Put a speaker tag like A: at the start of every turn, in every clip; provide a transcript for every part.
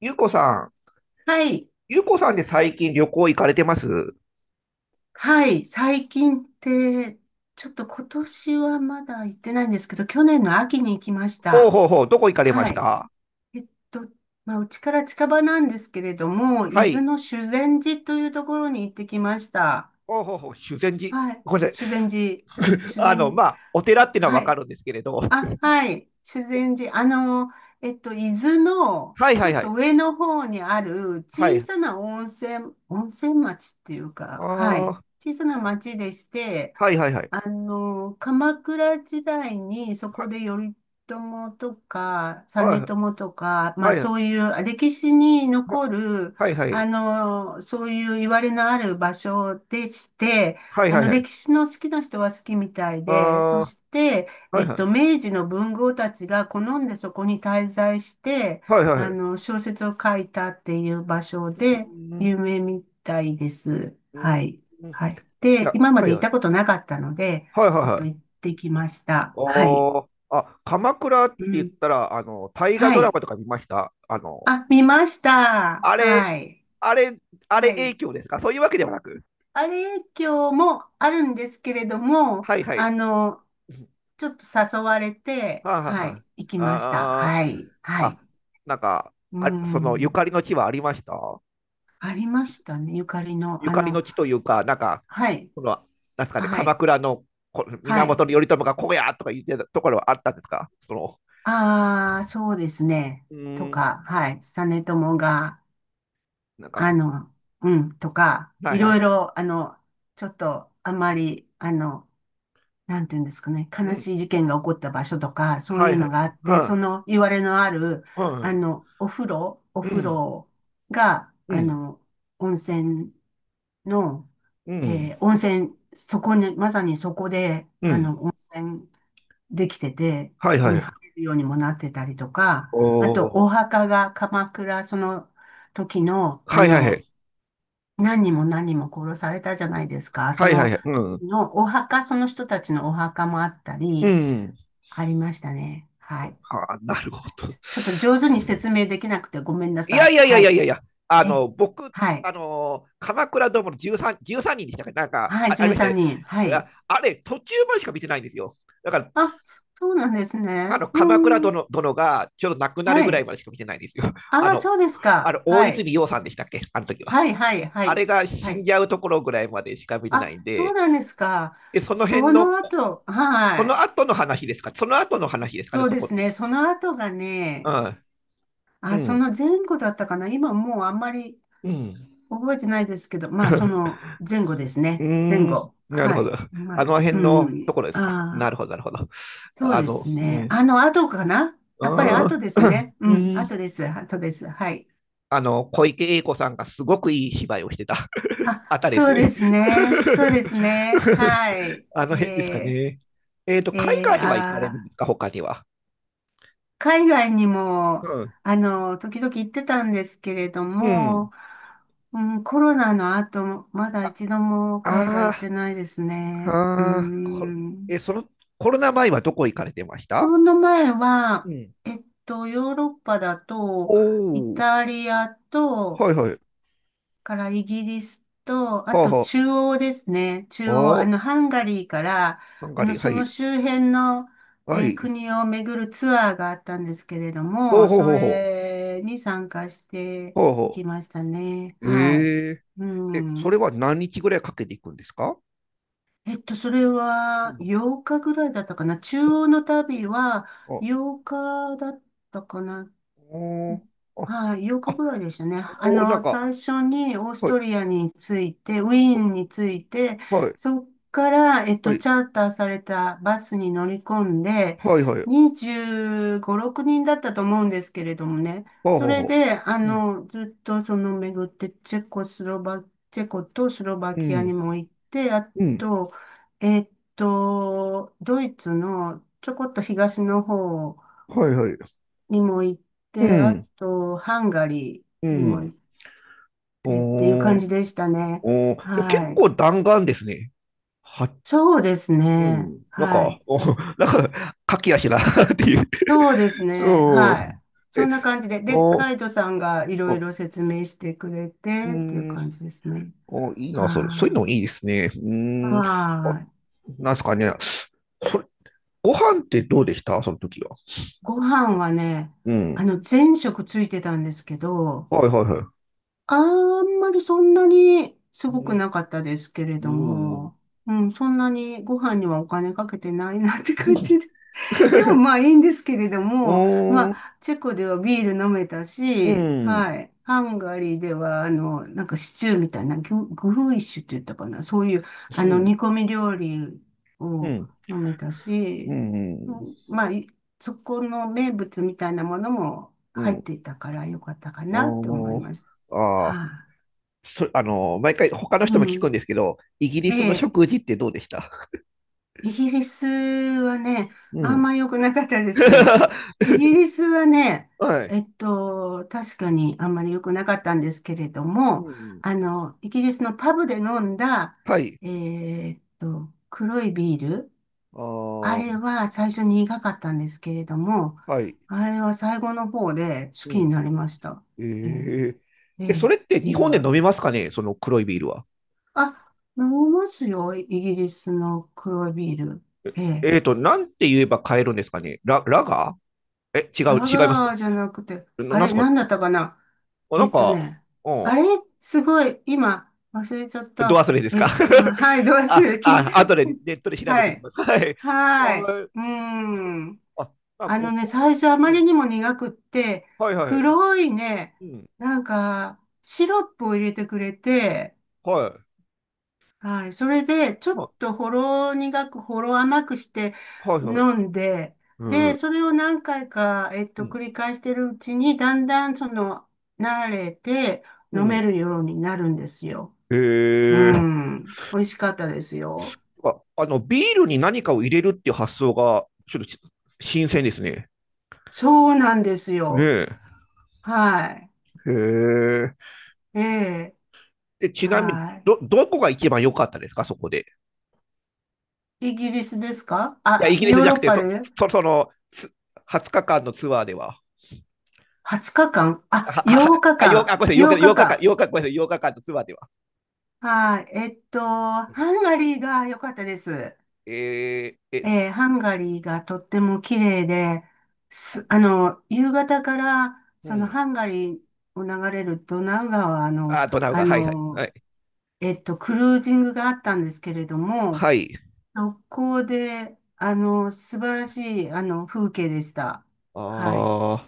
A: ゆうこさん、
B: はい、
A: ゆうこさんで最近旅行行かれてます？
B: はい、最近って、ちょっと今年はまだ行ってないんですけど、去年の秋に行きまし
A: おう
B: た。
A: ほうほう、どこ行かれま
B: は
A: し
B: い。
A: た？
B: えっと、まあ、うちから近場なんですけれども、
A: は
B: 伊豆
A: い。
B: の修善寺というところに行ってきました。
A: おうほうほう、修善寺。
B: はい。
A: ごめんなさい。
B: 修善寺。修善、
A: まあ、お寺っていうのは
B: は
A: わか
B: い。
A: るんですけれど。
B: あ、はい。修善寺。伊豆の、
A: はい
B: ち
A: は
B: ょ
A: い
B: っ
A: は
B: と
A: い。
B: 上の方にある
A: は
B: 小
A: い。
B: さな温泉、温泉町っていうか、は
A: あ
B: い。
A: あ、
B: 小さな町でして、
A: はいはいはい。
B: 鎌倉時代にそこ
A: は、
B: で頼朝とか、実
A: は
B: 朝とか、
A: い、
B: まあ
A: はい、
B: そういう歴史に
A: は、
B: 残る、
A: はいはい。
B: そういう言われのある場所でして、
A: はいはいはい。
B: 歴史の好きな人は好きみたい
A: あ
B: で、そして、
A: あ、はいはい。
B: 明治の文豪たちが好んでそこに滞在して、
A: はいはいはい。
B: 小説を書いたっていう場所
A: うー
B: で
A: ん、
B: 有名みたいです。
A: うーん、ん
B: は
A: い
B: い。はい。で、
A: や、
B: 今ま
A: は
B: で
A: い
B: 行っ
A: はい。
B: たことなかったので、
A: はいは
B: ち
A: い
B: ょっ
A: は
B: と行っ
A: い。
B: てきまし
A: あ
B: た。はい。
A: ーあ、鎌倉って
B: う
A: 言っ
B: ん。
A: たら、大河
B: は
A: ドラ
B: い。
A: マとか見ました？
B: あ、見ました。
A: あれ、
B: はい。
A: あれ、あれ
B: は
A: 影
B: い。
A: 響ですか？そういうわけではなく。
B: あれ、今日もあるんですけれども、
A: はいは
B: あ
A: い。
B: の、ちょっと誘われて、
A: はあ、はあ、
B: は
A: は
B: い。行きました。
A: あ。あ
B: はい。
A: ー
B: はい。
A: あ、なんか、
B: う
A: あ、そのゆかり
B: ん。
A: の地はありました？
B: ありましたね。ゆかりの、
A: ゆかりの地というか、なんか、
B: はい。
A: その、なんですかね、
B: は
A: 鎌
B: い。
A: 倉の
B: は
A: 源
B: い。
A: 頼朝がここやとか言ってたところはあったんですか？その、
B: ああ、そうですね。
A: う
B: と
A: ーん、
B: か、はい。実朝が、
A: なんか
B: あの、うん、とか、
A: はい
B: い
A: は
B: ろい
A: い。
B: ろ、あの、ちょっと、あんまり、なんていうんですかね、
A: う
B: 悲
A: ん、
B: しい事件が起こった場所とか、そう
A: は
B: い
A: い
B: う
A: は
B: の
A: い。
B: があって、そ
A: は
B: の、いわれのある、
A: い、はい、うん、
B: お風呂、お
A: う
B: 風
A: ん、
B: 呂が、
A: う
B: 温泉の、
A: ん、
B: 温泉、そこに、まさにそこで、
A: うん、
B: 温泉できてて、
A: はい
B: そこ
A: は
B: に
A: い。
B: 入るようにもなってたりとか、
A: お
B: あと、
A: ー、
B: お墓が鎌倉、その時の、
A: はいはいはい。
B: 何人も何人も殺されたじゃないですか。そ
A: はいはい
B: の
A: はい。う
B: 時
A: ん、
B: のお墓、その人たちのお墓もあった
A: う
B: り、
A: ん。
B: ありましたね。はい。
A: はあ、なるほど。
B: ちょっと上手 に説明できなくてごめんな
A: い
B: さ
A: やい
B: い。
A: やいや
B: は
A: いやいやい
B: い。
A: や、
B: え、
A: 僕、
B: は
A: あ
B: い。
A: の、鎌倉殿の 13人でしたか？なんか
B: はい、
A: あ、ありました
B: 13
A: ね。
B: 人。はい。
A: ああれ、途中までしか見てないんですよ。だから、
B: あ、そうなんです
A: あ
B: ね。
A: の
B: う
A: 鎌倉
B: ーん。
A: 殿殿がちょうど亡くなる
B: は
A: ぐらい
B: い。
A: までしか見てないんですよ。あ
B: ああ、
A: の、
B: そうです
A: あ
B: か。
A: の大
B: はい。
A: 泉洋さんでしたっけ、あの時は。
B: はいはいは
A: あれ
B: い。
A: が
B: は
A: 死んじ
B: い。
A: ゃうところぐらいまでしか見てない
B: あ、
A: ん
B: そう
A: で、
B: なんですか。
A: でその辺
B: そ
A: の、
B: の後、
A: こ
B: は
A: の
B: い。
A: 後の話ですか？その後の話ですかね、
B: そう
A: そ
B: で
A: こっ
B: す
A: て。
B: ね。その後が
A: う
B: ね、
A: ん、
B: あ、
A: う
B: そ
A: ん、
B: の前後だったかな。今もうあんまり
A: うん。
B: 覚えてないですけど、まあその前後です
A: うー
B: ね。前
A: ん、
B: 後。
A: なる
B: は
A: ほど。
B: い。ま
A: あ
B: あ、
A: の辺
B: う
A: のと
B: ん。
A: ころですか？な
B: あ
A: る
B: あ
A: ほど、なるほど。
B: そうです
A: う
B: ね。
A: ん、
B: あの後かな。
A: う
B: やっぱり
A: ー
B: 後
A: ん、
B: ですね。う
A: う
B: ん。
A: ん
B: 後です。後です。はい。
A: 小池栄子さんがすごくいい芝居をしてた あ
B: あ、
A: たりです
B: そう
A: よ
B: で
A: ね。
B: すね。そうですね。はい。
A: あの辺ですかね？
B: ー、
A: 海
B: えー、
A: 外は行かれるん
B: あ
A: で
B: ー
A: すか、他には？
B: 海外に
A: う
B: も、
A: ん。
B: 時々行ってたんですけれど
A: うん。
B: も、うん、コロナの後、まだ
A: あ、
B: 一度も海外
A: あ
B: 行っ
A: ー
B: てないですね。う
A: あー、これ、
B: ん。
A: その、コロナ前はどこ行かれてまし
B: コ
A: た？
B: ロナ前
A: う
B: は、
A: ん。
B: ヨーロッパだと、
A: お
B: イ
A: お、
B: タリアと、
A: はいはい。
B: からイギリスと、あ
A: はあ
B: と
A: は
B: 中央ですね。
A: あ。
B: 中央、
A: あー
B: ハンガリーから、
A: ハンガリー、は
B: その
A: い。
B: 周辺の、
A: はい。
B: 国を巡るツアーがあったんですけれど
A: おう
B: も、
A: ほう
B: そ
A: ほうほう。
B: れに参加して
A: ほう
B: い
A: ほ
B: きましたね。
A: う。
B: はい。
A: え
B: う
A: ええ、それ
B: ん。
A: は何日ぐらいかけていくんですか？
B: えっと、それ
A: う
B: は
A: ん。
B: 8日ぐらいだったかな。中央の旅は
A: あ、
B: 8日だったかな。
A: おーあ、
B: はい、8日
A: あ、
B: ぐらいでしたね。
A: おー、なんか、
B: 最初にオース
A: はい、
B: トリアについて、ウィーンについて、
A: はい、
B: そっから、
A: はい、
B: チャーターされたバスに乗り込んで、
A: はい、はい、
B: 25、6人だったと思うんですけれどもね。
A: ほう
B: そ
A: ほう
B: れ
A: ほ
B: で、
A: ううん。
B: ずっとその巡って、チェコとスロバ
A: う。
B: キアに
A: ん、
B: も行って、あ
A: うん、
B: と、えっドイツのちょこっと東の方
A: はい、はい、
B: にも行っ
A: う
B: て、あ
A: ん、
B: と、ハンガリ
A: う
B: ーにも行
A: ん。
B: ってっていう
A: お
B: 感
A: ー、
B: じでしたね。
A: おー、でも結
B: はい。
A: 構弾丸ですね。は、
B: そうです
A: う
B: ね。
A: ん、なん
B: は
A: か、
B: い。
A: お、なんか、駆け足だなっていう。
B: そうですね。は
A: う
B: い。
A: ん。
B: そ
A: え、
B: んな感じで。で、
A: お
B: カイトさんがいろい
A: お、
B: ろ説明してくれ
A: う
B: てっていう
A: ん。
B: 感じですね。
A: お、いいな、それ。そういう
B: は
A: のもいいですね。う
B: い。
A: ーん。あ、
B: はい。
A: なんですかね。それ、ご飯ってどうでしたその時は？
B: ご飯はね、
A: うん。
B: 全食ついてたんですけど、
A: はいはいは
B: あんまりそんなにす
A: い。う
B: ごく
A: ん。
B: なかったですけれど
A: うん。
B: も、うん、そんなにご飯にはお金かけてないなって感じで。でもまあ いいんですけれど
A: う
B: も、
A: ー
B: ま
A: ん。
B: あチェコではビール飲めた
A: う
B: し、
A: ん。
B: はい。ハンガリーでは、なんかシチューみたいな、グフイシュって言ったかな。そういう、
A: うん。
B: 煮込み料理
A: う
B: を
A: ん。
B: 飲めた
A: う
B: し、う
A: ん。
B: んまあ、いそこの名物みたいなものも
A: うん。
B: 入
A: う
B: っ
A: ん
B: ていたからよかったか
A: あ
B: なって思い
A: ー
B: ます。は
A: あー。
B: い
A: 毎回他の
B: う
A: 人も聞くん
B: ん。
A: ですけど、イギリ
B: え
A: スの
B: え、
A: 食事ってどうでした？
B: イギリスはね、
A: う
B: あん
A: ん。
B: ま良くなかったです ね。イギリスはね、
A: はい。
B: 確かにあんまり良くなかったんですけれど
A: う
B: も、
A: ん。
B: イギリスのパブで飲んだ、
A: はい。
B: 黒いビール、
A: あ
B: あれ
A: あ、
B: は最初に苦かったんですけれども、
A: はい。
B: あれは最後の方で好
A: う
B: きに
A: ん。
B: なりました。
A: え
B: ええ、
A: ー、
B: え
A: そ
B: え、
A: れって日
B: ビール
A: 本で
B: は。
A: 飲みますかね、その黒いビールは？
B: あ、飲みますよ、イギリスの黒いビール。ええ
A: なんて言えば買えるんですかね。ラガー
B: ラ
A: 違いますか？
B: ガーじゃなくて、あ
A: なん
B: れ、
A: すか？
B: なんだったかな
A: あ、な
B: え
A: ん
B: っと
A: か、
B: ね、
A: う
B: あれ、すごい、今、忘れちゃっ
A: ん、ど忘
B: た。
A: れですか？
B: あはい、ど うするき、
A: あとでネットで 調べ
B: は
A: ておき
B: い。
A: ます。はい。
B: はい。うーん。
A: あ、あ、
B: あ
A: ご
B: のね、
A: 当
B: 最
A: 地、
B: 初あま
A: うん
B: りにも苦くって、
A: はいはい。
B: 黒いね、
A: うん、
B: なんか、シロップを入れてくれて、
A: はい。
B: はい。それで、ちょっ
A: ま
B: とほろ苦く、ほろ甘くして
A: あはいはい。
B: 飲んで、
A: う
B: で、
A: ん、
B: それを何回か、
A: うん、
B: 繰り返してるうちに、だんだん、その、慣れて
A: う
B: 飲め
A: ん。
B: るようになるんですよ。
A: え
B: う
A: ー、
B: ん。美味しかったですよ。
A: あ、ビールに何かを入れるっていう発想が、ちょっと新鮮ですね。
B: そうなんです
A: ね
B: よ。はい。
A: えへえ。
B: ええ。
A: で、ちなみに、
B: は
A: どこが一番良かったですか、そこで？
B: い。イギリスですか
A: いや、イ
B: あ、
A: ギリス
B: ヨー
A: じゃなく
B: ロッ
A: て、
B: パで
A: その、20日間のツアーでは。
B: 20日間あ、8
A: あ、
B: 日
A: あ、ごめんなさい、
B: 間。
A: 8日、
B: 8
A: 8
B: 日
A: 日間、
B: 間。
A: 8日、ごめんなさい、8日間のツアーでは。
B: はい。ハンガリーが良かったです。
A: えー、え、
B: ハンガリーがとっても綺麗で、す、夕方から、
A: う
B: その
A: ん。
B: ハンガリーを流れるドナウ川の、
A: あ、ドナウ
B: あ
A: 川、はい、はい、は
B: の、
A: い。
B: クルージングがあったんですけれども、
A: はい。
B: そこで、素晴らしい、風景でした。はい。
A: あ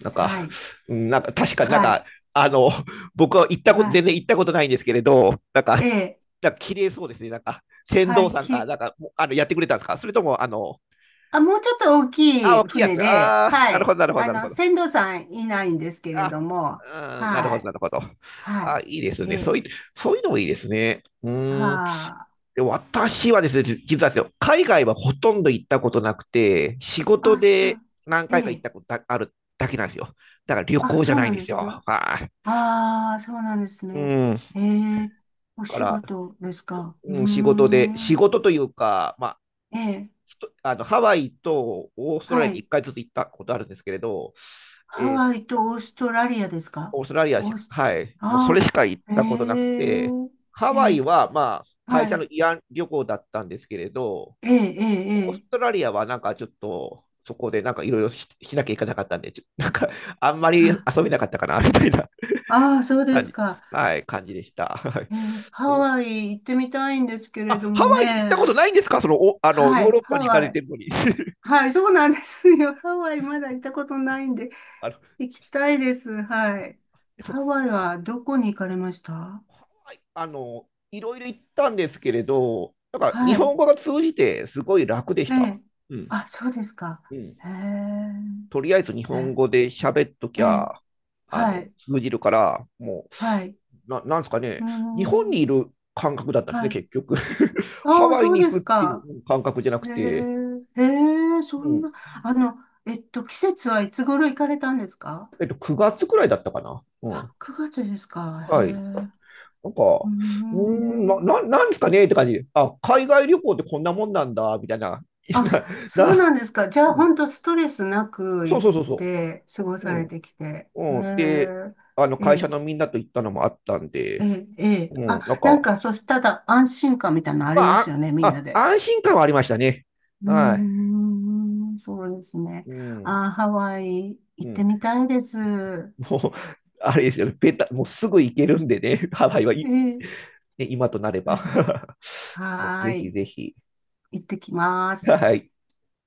A: ー、なんか、
B: はい。
A: うんなんか、確かになん
B: はい。
A: か、あの、僕は行った
B: は
A: こと、全
B: い。
A: 然行ったことないんですけれど、なんか、
B: ええ。
A: なんか綺麗そうですね。なんか、船
B: は
A: 頭
B: い。
A: さんが、な
B: き、
A: んか、もうやってくれたんですか？それとも、あの、
B: あ、もうちょっと大き
A: あ、
B: い
A: 大きいや
B: 船
A: つ。
B: で、
A: ああ、
B: は
A: なるほ
B: い。
A: ど、なるほど、なるほど。
B: 船頭さんいないんですけれ
A: あ、
B: ども、
A: うん、なる
B: は
A: ほど、
B: い。
A: なるほど。
B: は
A: あ、いいです
B: い。
A: ね。そうい
B: え、
A: う、そういうのもいいですね。うーん。
B: は
A: で、私はですね、実はですよ、海外はほとんど行ったことなくて、仕
B: あ、
A: 事
B: あ、そ
A: で
B: う、
A: 何回か行っ
B: え、
A: たことだあるだけなんですよ。だから旅
B: あ、
A: 行じゃ
B: そう
A: ない
B: な
A: ん
B: ん
A: で
B: で
A: す
B: す
A: よ。
B: か
A: はい。
B: ああそうなんです
A: う
B: ね。
A: ん。だ
B: ええお
A: か
B: 仕
A: ら、
B: 事ですかうー
A: うん、仕
B: ん。
A: 事というか、まあ、
B: ええ、
A: ひとあの、ハワイとオーストラ
B: は
A: リアに1
B: い。
A: 回ずつ行ったことあるんですけれど、
B: ハワイとオーストラリアですか
A: オーストラリア
B: オ
A: し、
B: ース、
A: はい、もうそ
B: あ
A: れしか行っ
B: あ、え
A: たことなくて、
B: え
A: ハ
B: え
A: ワイ
B: え、
A: はまあ会
B: は
A: 社の
B: い。
A: 慰安旅行だったんですけれど、
B: え、え、え、
A: オース
B: え、
A: トラリアはなんかちょっとそこでなんかいろいろしなきゃいけなかったんで、なんかあんまり遊
B: あ、
A: べなかったかなみたいな
B: ああー、そうで
A: 感
B: す
A: じ、
B: か。
A: はい、感じでした。はい。
B: ハ
A: でも
B: ワイ行ってみたいんですけ
A: あ、
B: れど
A: ハ
B: も
A: ワイに行ったこと
B: ね。
A: ないんですか？そのおあの
B: は
A: ヨーロ
B: い、
A: ッ
B: ハ
A: パに行か
B: ワ
A: れて
B: イ。
A: るのに
B: はい、そうなんですよ。ハワイまだ行ったことないんで、
A: あの
B: 行きたいです。はい。
A: でも
B: ハワイはどこに行かれました
A: はい。いろいろ行ったんですけれど、なんか日
B: はい。
A: 本語が通じてすごい楽でし
B: え
A: た。
B: え。
A: うん、
B: あ、そうですか。
A: うん
B: へえ。
A: とりあえず日本語
B: え
A: で喋っとき
B: え。ええ
A: ゃ、
B: はい。
A: 通じるから、も
B: はい。
A: う、なんですか
B: う
A: ね、
B: ー
A: 日本
B: ん。
A: にいる感覚だったんです
B: は
A: ね、
B: い。
A: 結局。ハ
B: ああ、
A: ワイ
B: そう
A: に
B: で
A: 行く
B: す
A: ってい
B: か。
A: う感覚じゃな
B: へ
A: く
B: え。
A: て、
B: へえ、そ
A: う
B: んな、
A: ん、
B: あの、季節はいつ頃行かれたんですか
A: 9月くらいだったかな。う
B: あ、
A: ん。
B: 9月ですか。へえ。
A: はい。
B: う
A: なん
B: ー
A: か、うーん、
B: ん。
A: なんですかねって感じで。あ、海外旅行ってこんなもんなんだ、みたいな。
B: あ、
A: な、
B: そう
A: な、
B: なんですか。じゃ
A: う
B: あ、
A: ん、
B: 本当ストレスなく
A: そう
B: 行っ
A: そうそうそ
B: て過ご
A: う。う
B: されて
A: ん。
B: きて。へ
A: うん。で、
B: ーえ
A: 会社
B: え、
A: のみんなと行ったのもあったん
B: え
A: で、
B: え、ええ。
A: う
B: あ、
A: ん、なん
B: なん
A: か、
B: か、そしたら安心感みたいなのあ
A: ま
B: ります
A: あ、
B: よね、みんなで。
A: 安心感はありましたね。
B: うー
A: はい。
B: ん、そうですね。
A: うん。
B: あー、ハワイ
A: う
B: 行って
A: ん。
B: みたいです。
A: もう、あれですよね。ベタ、もうすぐ行けるんでね。ハワイはい、
B: ええ、
A: ね、今となれ
B: う
A: ば。
B: ん は
A: ぜ
B: ー
A: ひ
B: い。
A: ぜひ。
B: 行ってきます。
A: はい。